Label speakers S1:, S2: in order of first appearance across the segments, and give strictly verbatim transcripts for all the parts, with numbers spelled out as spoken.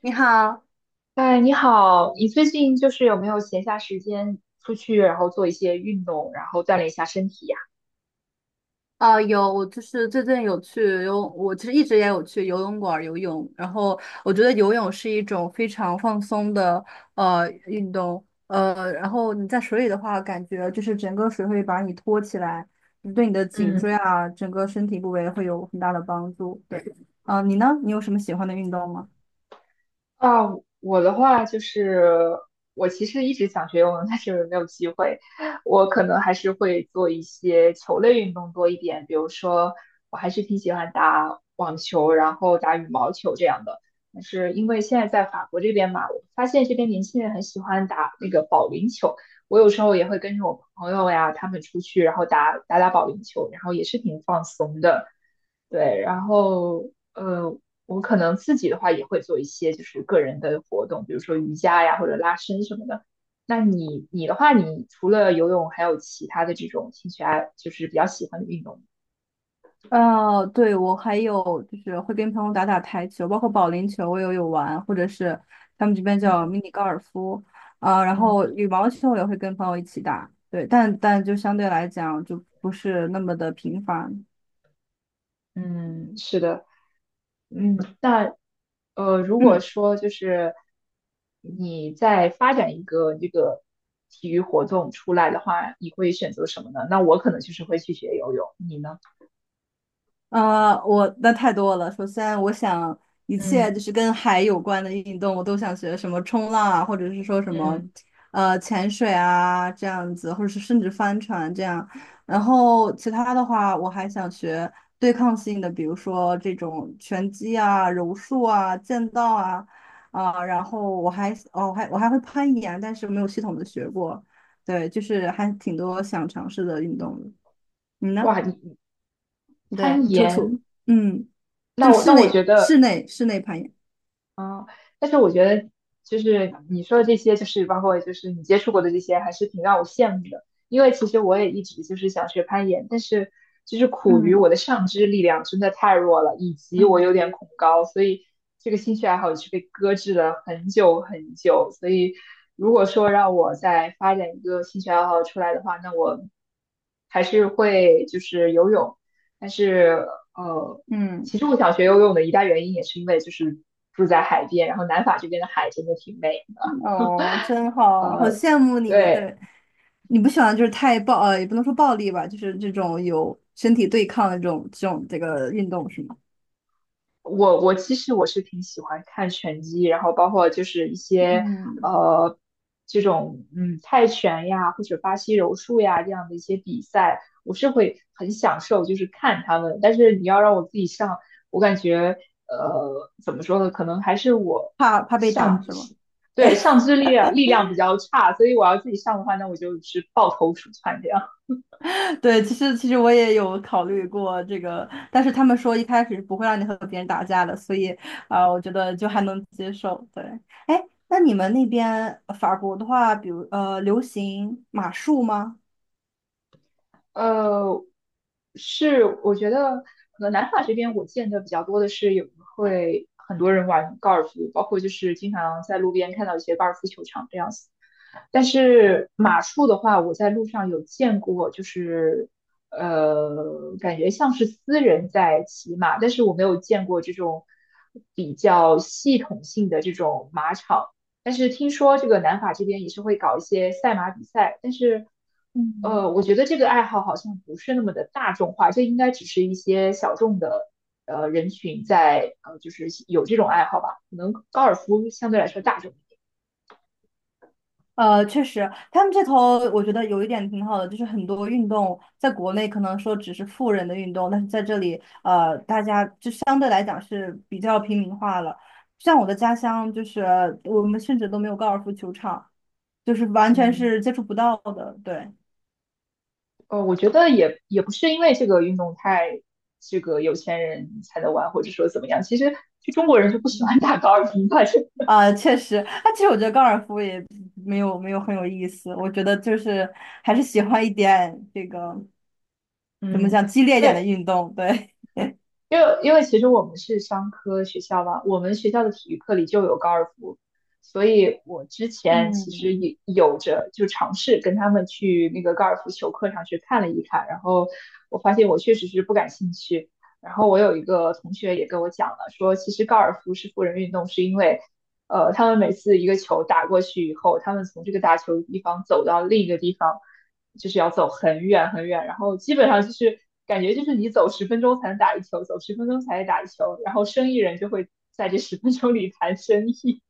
S1: 你好。
S2: 哎，你好，你最近就是有没有闲暇时间出去，然后做一些运动，然后锻炼一下身体呀？
S1: 啊，有，我就是最近有去游泳，我其实一直也有去游泳馆儿游泳。然后我觉得游泳是一种非常放松的呃运动。呃，然后你在水里的话，感觉就是整个水会把你托起来，对你的颈椎
S2: 嗯。
S1: 啊，整个身体部位会有很大的帮助。对。啊，你呢？你有什么喜欢的运动吗？
S2: 啊，我的话就是，我其实一直想学游泳，但是没有机会。我可能还是会做一些球类运动多一点，比如说，我还是挺喜欢打网球，然后打羽毛球这样的。但是因为现在在法国这边嘛，我发现这边年轻人很喜欢打那个保龄球。我有时候也会跟着我朋友呀，他们出去，然后打打打保龄球，然后也是挺放松的。对，然后呃，我可能自己的话也会做一些就是个人的活动，比如说瑜伽呀或者拉伸什么的。那你你的话，你除了游泳，还有其他的这种兴趣爱，就是比较喜欢的运动吗？
S1: 呃，对，我还有就是会跟朋友打打台球，包括保龄球我也有玩，或者是他们这边叫
S2: 嗯
S1: 迷你高尔夫。啊、然
S2: 嗯
S1: 后羽毛球我也会跟朋友一起打。对。但但就相对来讲就不是那么的频繁。
S2: 嗯，是的，嗯。呃，如 果
S1: 嗯。
S2: 说就是你在发展一个这个体育活动出来的话，你会选择什么呢？那我可能就是会去学游泳，你呢？
S1: 呃，我那太多了。首先，我想一
S2: 嗯
S1: 切就是跟海有关的运动，我都想学，什么冲浪啊，或者是说什么，
S2: 嗯，
S1: 呃，潜水啊这样子，或者是甚至帆船这样。然后其他的话，我还想学对抗性的，比如说这种拳击啊、柔术啊、剑道啊。啊、然后我还哦，我还我还会攀岩，但是没有系统的学过。对，就是还挺多想尝试的运动的。你呢？
S2: 哇，你你
S1: 对，
S2: 攀
S1: 楚楚。
S2: 岩！
S1: 嗯，
S2: 那
S1: 就
S2: 我
S1: 室
S2: 那我觉
S1: 内
S2: 得，
S1: 室内室内攀岩。
S2: 嗯，但是我觉得就是你说的这些，就是包括就是你接触过的这些，还是挺让我羡慕的。因为其实我也一直就是想学攀岩，但是就是苦于我
S1: 嗯
S2: 的上肢力量真的太弱了，以及我
S1: 嗯
S2: 有点恐高，所以这个兴趣爱好也是被搁置了很久很久。所以如果说让我再发展一个兴趣爱好出来的话，那我还是会就是游泳，但是呃。
S1: 嗯。
S2: 其实我想学游泳的一大原因也是因为就是住在海边，然后南法这边的海真的挺美的。
S1: 哦，真好，好羡慕你。
S2: 对，
S1: 对。你不喜欢就是太暴，呃，也不能说暴力吧，就是这种有身体对抗的这种这种这个运动是吗？
S2: 我我其实我是挺喜欢看拳击，然后包括就是一些
S1: 嗯。
S2: 呃这种嗯泰拳呀或者巴西柔术呀这样的一些比赛，我是会很享受就是看他们。但是你要让我自己上，我感觉呃怎么说呢，可能还是我
S1: 怕怕被打
S2: 上
S1: 是吗？
S2: 对上肢力量力量比较差，所以我要自己上的话，那我就是抱头鼠窜这样。
S1: 对。其实其实我也有考虑过这个，但是他们说一开始是不会让你和别人打架的，所以啊、我觉得就还能接受。对。哎，那你们那边呃法国的话，比如呃，流行马术吗？
S2: 呃，是，我觉得可能南法这边我见的比较多的是有会很多人玩高尔夫，包括就是经常在路边看到一些高尔夫球场这样子。但是马术的话，我在路上有见过，就是呃，感觉像是私人在骑马，但是我没有见过这种比较系统性的这种马场。但是听说这个南法这边也是会搞一些赛马比赛，但是
S1: 嗯。
S2: 呃，我觉得这个爱好好像不是那么的大众化，这应该只是一些小众的呃人群在呃，就是有这种爱好吧。可能高尔夫相对来说大众一点。
S1: 呃，确实，他们这头我觉得有一点挺好的，就是很多运动在国内可能说只是富人的运动，但是在这里，呃，大家就相对来讲是比较平民化了。像我的家乡，就是我们甚至都没有高尔夫球场，就是完全
S2: 嗯。
S1: 是接触不到的。对。
S2: 呃，我觉得也也不是因为这个运动太这个有钱人才能玩，或者说怎么样。其实就中国人就不喜欢打高尔夫吧，就
S1: 啊、确实。那其实我觉得高尔夫也没有没有很有意思。我觉得就是还是喜欢一点这个 怎么
S2: 嗯，
S1: 讲激
S2: 因
S1: 烈一点的
S2: 为
S1: 运动。对。
S2: 因为因为其实我们是商科学校嘛，我们学校的体育课里就有高尔夫，所以我之 前其实
S1: 嗯。
S2: 也有着就尝试跟他们去那个高尔夫球课上去看了一看，然后我发现我确实是不感兴趣。然后我有一个同学也跟我讲了，说其实高尔夫是富人运动，是因为呃，他们每次一个球打过去以后，他们从这个打球的地方走到另一个地方，就是要走很远很远，然后基本上就是感觉就是你走十分钟才能打一球，走十分钟才能打一球，然后生意人就会在这十分钟里谈生意。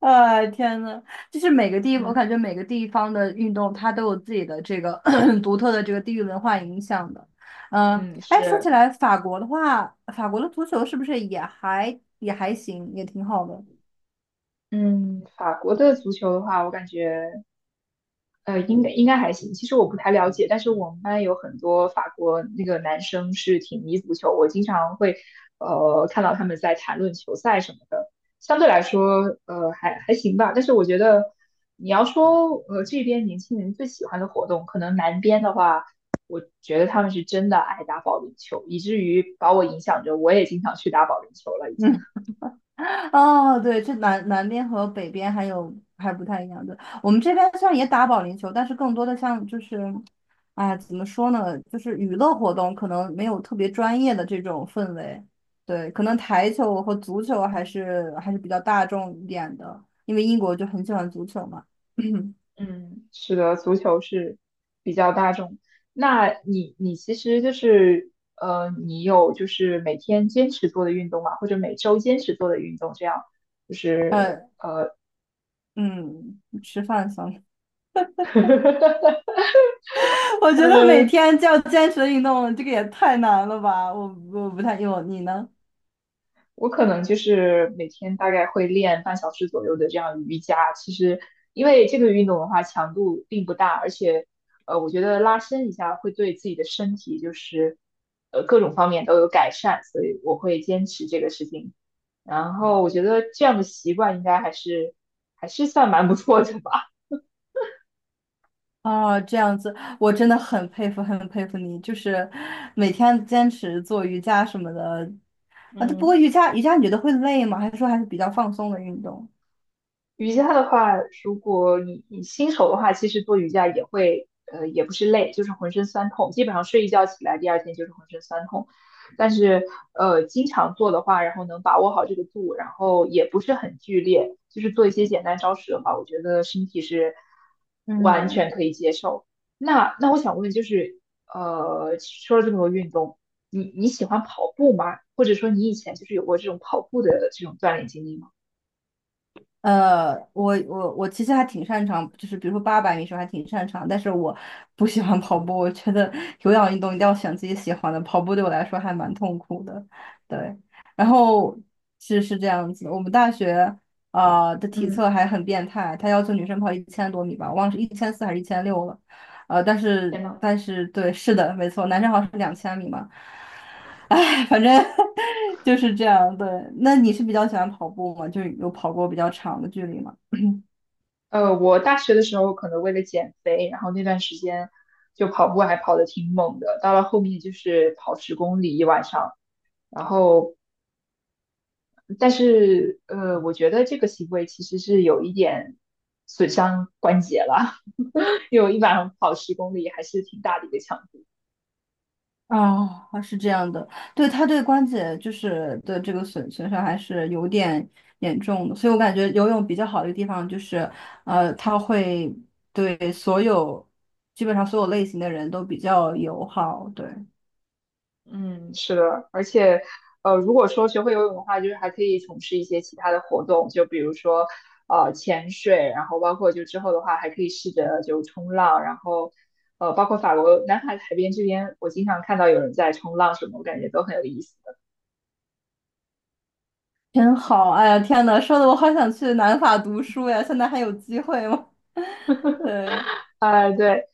S1: 哎，天呐，就是每个地，我
S2: 嗯
S1: 感觉每个地方的运动，它都有自己的这个 独特的这个地域文化影响的。嗯。
S2: 嗯，
S1: 哎，说
S2: 是，
S1: 起来，法国的话，法国的足球是不是也还也还行，也挺好的？
S2: 嗯，法国的足球的话，我感觉。呃，应该应该还行。其实我不太了解，但是我们班有很多法国那个男生是挺迷足球，我经常会呃看到他们在谈论球赛什么的。相对来说，呃，还还行吧。但是我觉得你要说呃这边年轻人最喜欢的活动，可能南边的话，我觉得他们是真的爱打保龄球，以至于把我影响着，我也经常去打保龄球了已 经。
S1: 嗯。哦，对，这南南边和北边还有还不太一样。对。我们这边虽然也打保龄球，但是更多的像就是，哎，怎么说呢，就是娱乐活动可能没有特别专业的这种氛围。对。可能台球和足球还是还是比较大众一点的，因为英国就很喜欢足球嘛。
S2: 嗯，是的，足球是比较大众。那你你其实就是呃，你有就是每天坚持做的运动嘛，或者每周坚持做的运动，这样就是
S1: 呃，嗯，吃饭算了。我觉得每天就要坚持运动，这个也太难了吧？我我不太，有你呢？
S2: 我可能就是每天大概会练半小时左右的这样瑜伽。其实，因为这个运动的话强度并不大，而且，呃，我觉得拉伸一下会对自己的身体就是，呃，各种方面都有改善，所以我会坚持这个事情。然后我觉得这样的习惯应该还是还是算蛮不错的吧。
S1: 哦，这样子。我真的很佩服，很佩服你，就是每天坚持做瑜伽什么的啊。不过
S2: 嗯
S1: 瑜伽，瑜伽你觉得会累吗？还是说还是比较放松的运动？
S2: 瑜伽的话，如果你你新手的话，其实做瑜伽也会，呃，也不是累，就是浑身酸痛，基本上睡一觉起来，第二天就是浑身酸痛。但是，呃，经常做的话，然后能把握好这个度，然后也不是很剧烈，就是做一些简单招式的话，我觉得身体是完
S1: 嗯。
S2: 全可以接受。那那我想问，就是，呃，说了这么多运动，你你喜欢跑步吗？或者说你以前就是有过这种跑步的这种锻炼经历吗？
S1: 呃，我我我其实还挺擅长，就是比如说八百米时候还挺擅长，但是我不喜欢跑步，我觉得有氧运动一定要选自己喜欢的，跑步对我来说还蛮痛苦的。对。然后是是这样子，我们大学呃的体
S2: 嗯。
S1: 测还很变态，他要求女生跑一千多米吧，我忘了是一千四还是一千六了。呃，但是
S2: 天呐！
S1: 但是对，是的，没错，男生好像是两千米嘛。哎，反正 就是这样。对。那你是比较喜欢跑步吗？就是有跑过比较长的距离吗？
S2: 呃，我大学的时候可能为了减肥，然后那段时间就跑步还跑得挺猛的，到了后面就是跑十公里一晚上。然后，但是呃，我觉得这个行为其实是有一点损伤关节了，因为我一晚上跑十公里还是挺大的一个强
S1: 哦，是这样的。对，他对关节就是的这个损损伤还是有点严重的，所以我感觉游泳比较好的一个地方就是，呃，它会对所有基本上所有类型的人都比较友好。对。
S2: 嗯，是的，而且，呃，如果说学会游泳的话，就是还可以从事一些其他的活动，就比如说，呃，潜水，然后包括就之后的话，还可以试着就冲浪，然后，呃，包括法国南海海边这边，我经常看到有人在冲浪什么，我感觉都很有意思的。
S1: 真好。哎呀，天呐，说的我好想去南法读书呀，现在还有机会吗？对。
S2: 啊，对，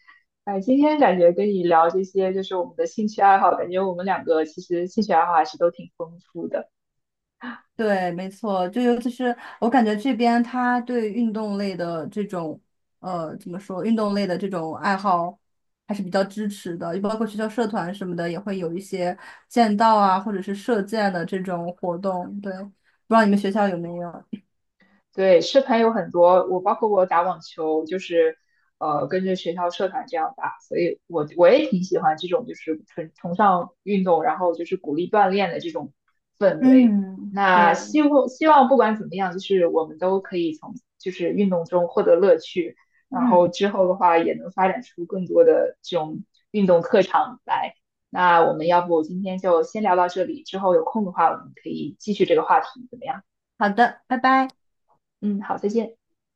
S2: 哎、今天感觉跟你聊这些，就是我们的兴趣爱好，感觉我们两个其实兴趣爱好还是都挺丰富的。
S1: 对，没错。就尤其是我感觉这边他对运动类的这种，呃，怎么说，运动类的这种爱好还是比较支持的，就包括学校社团什么的，也会有一些剑道啊，或者是射箭的这种活动。对。不知道你们学校有没有？
S2: 对，社团有很多，我包括我打网球，就是呃跟着学校社团这样打，所以我我也挺喜欢这种就是崇崇尚运动，然后就是鼓励锻炼的这种氛围。
S1: 嗯，
S2: 那
S1: 对。
S2: 希望希望不管怎么样，就是我们都可以从就是运动中获得乐趣，然后
S1: 嗯，
S2: 之后的话也能发展出更多的这种运动特长来。那我们要不今天就先聊到这里，之后有空的话我们可以继续这个话题，怎么样？
S1: 好的。拜拜。
S2: 嗯，好，再见。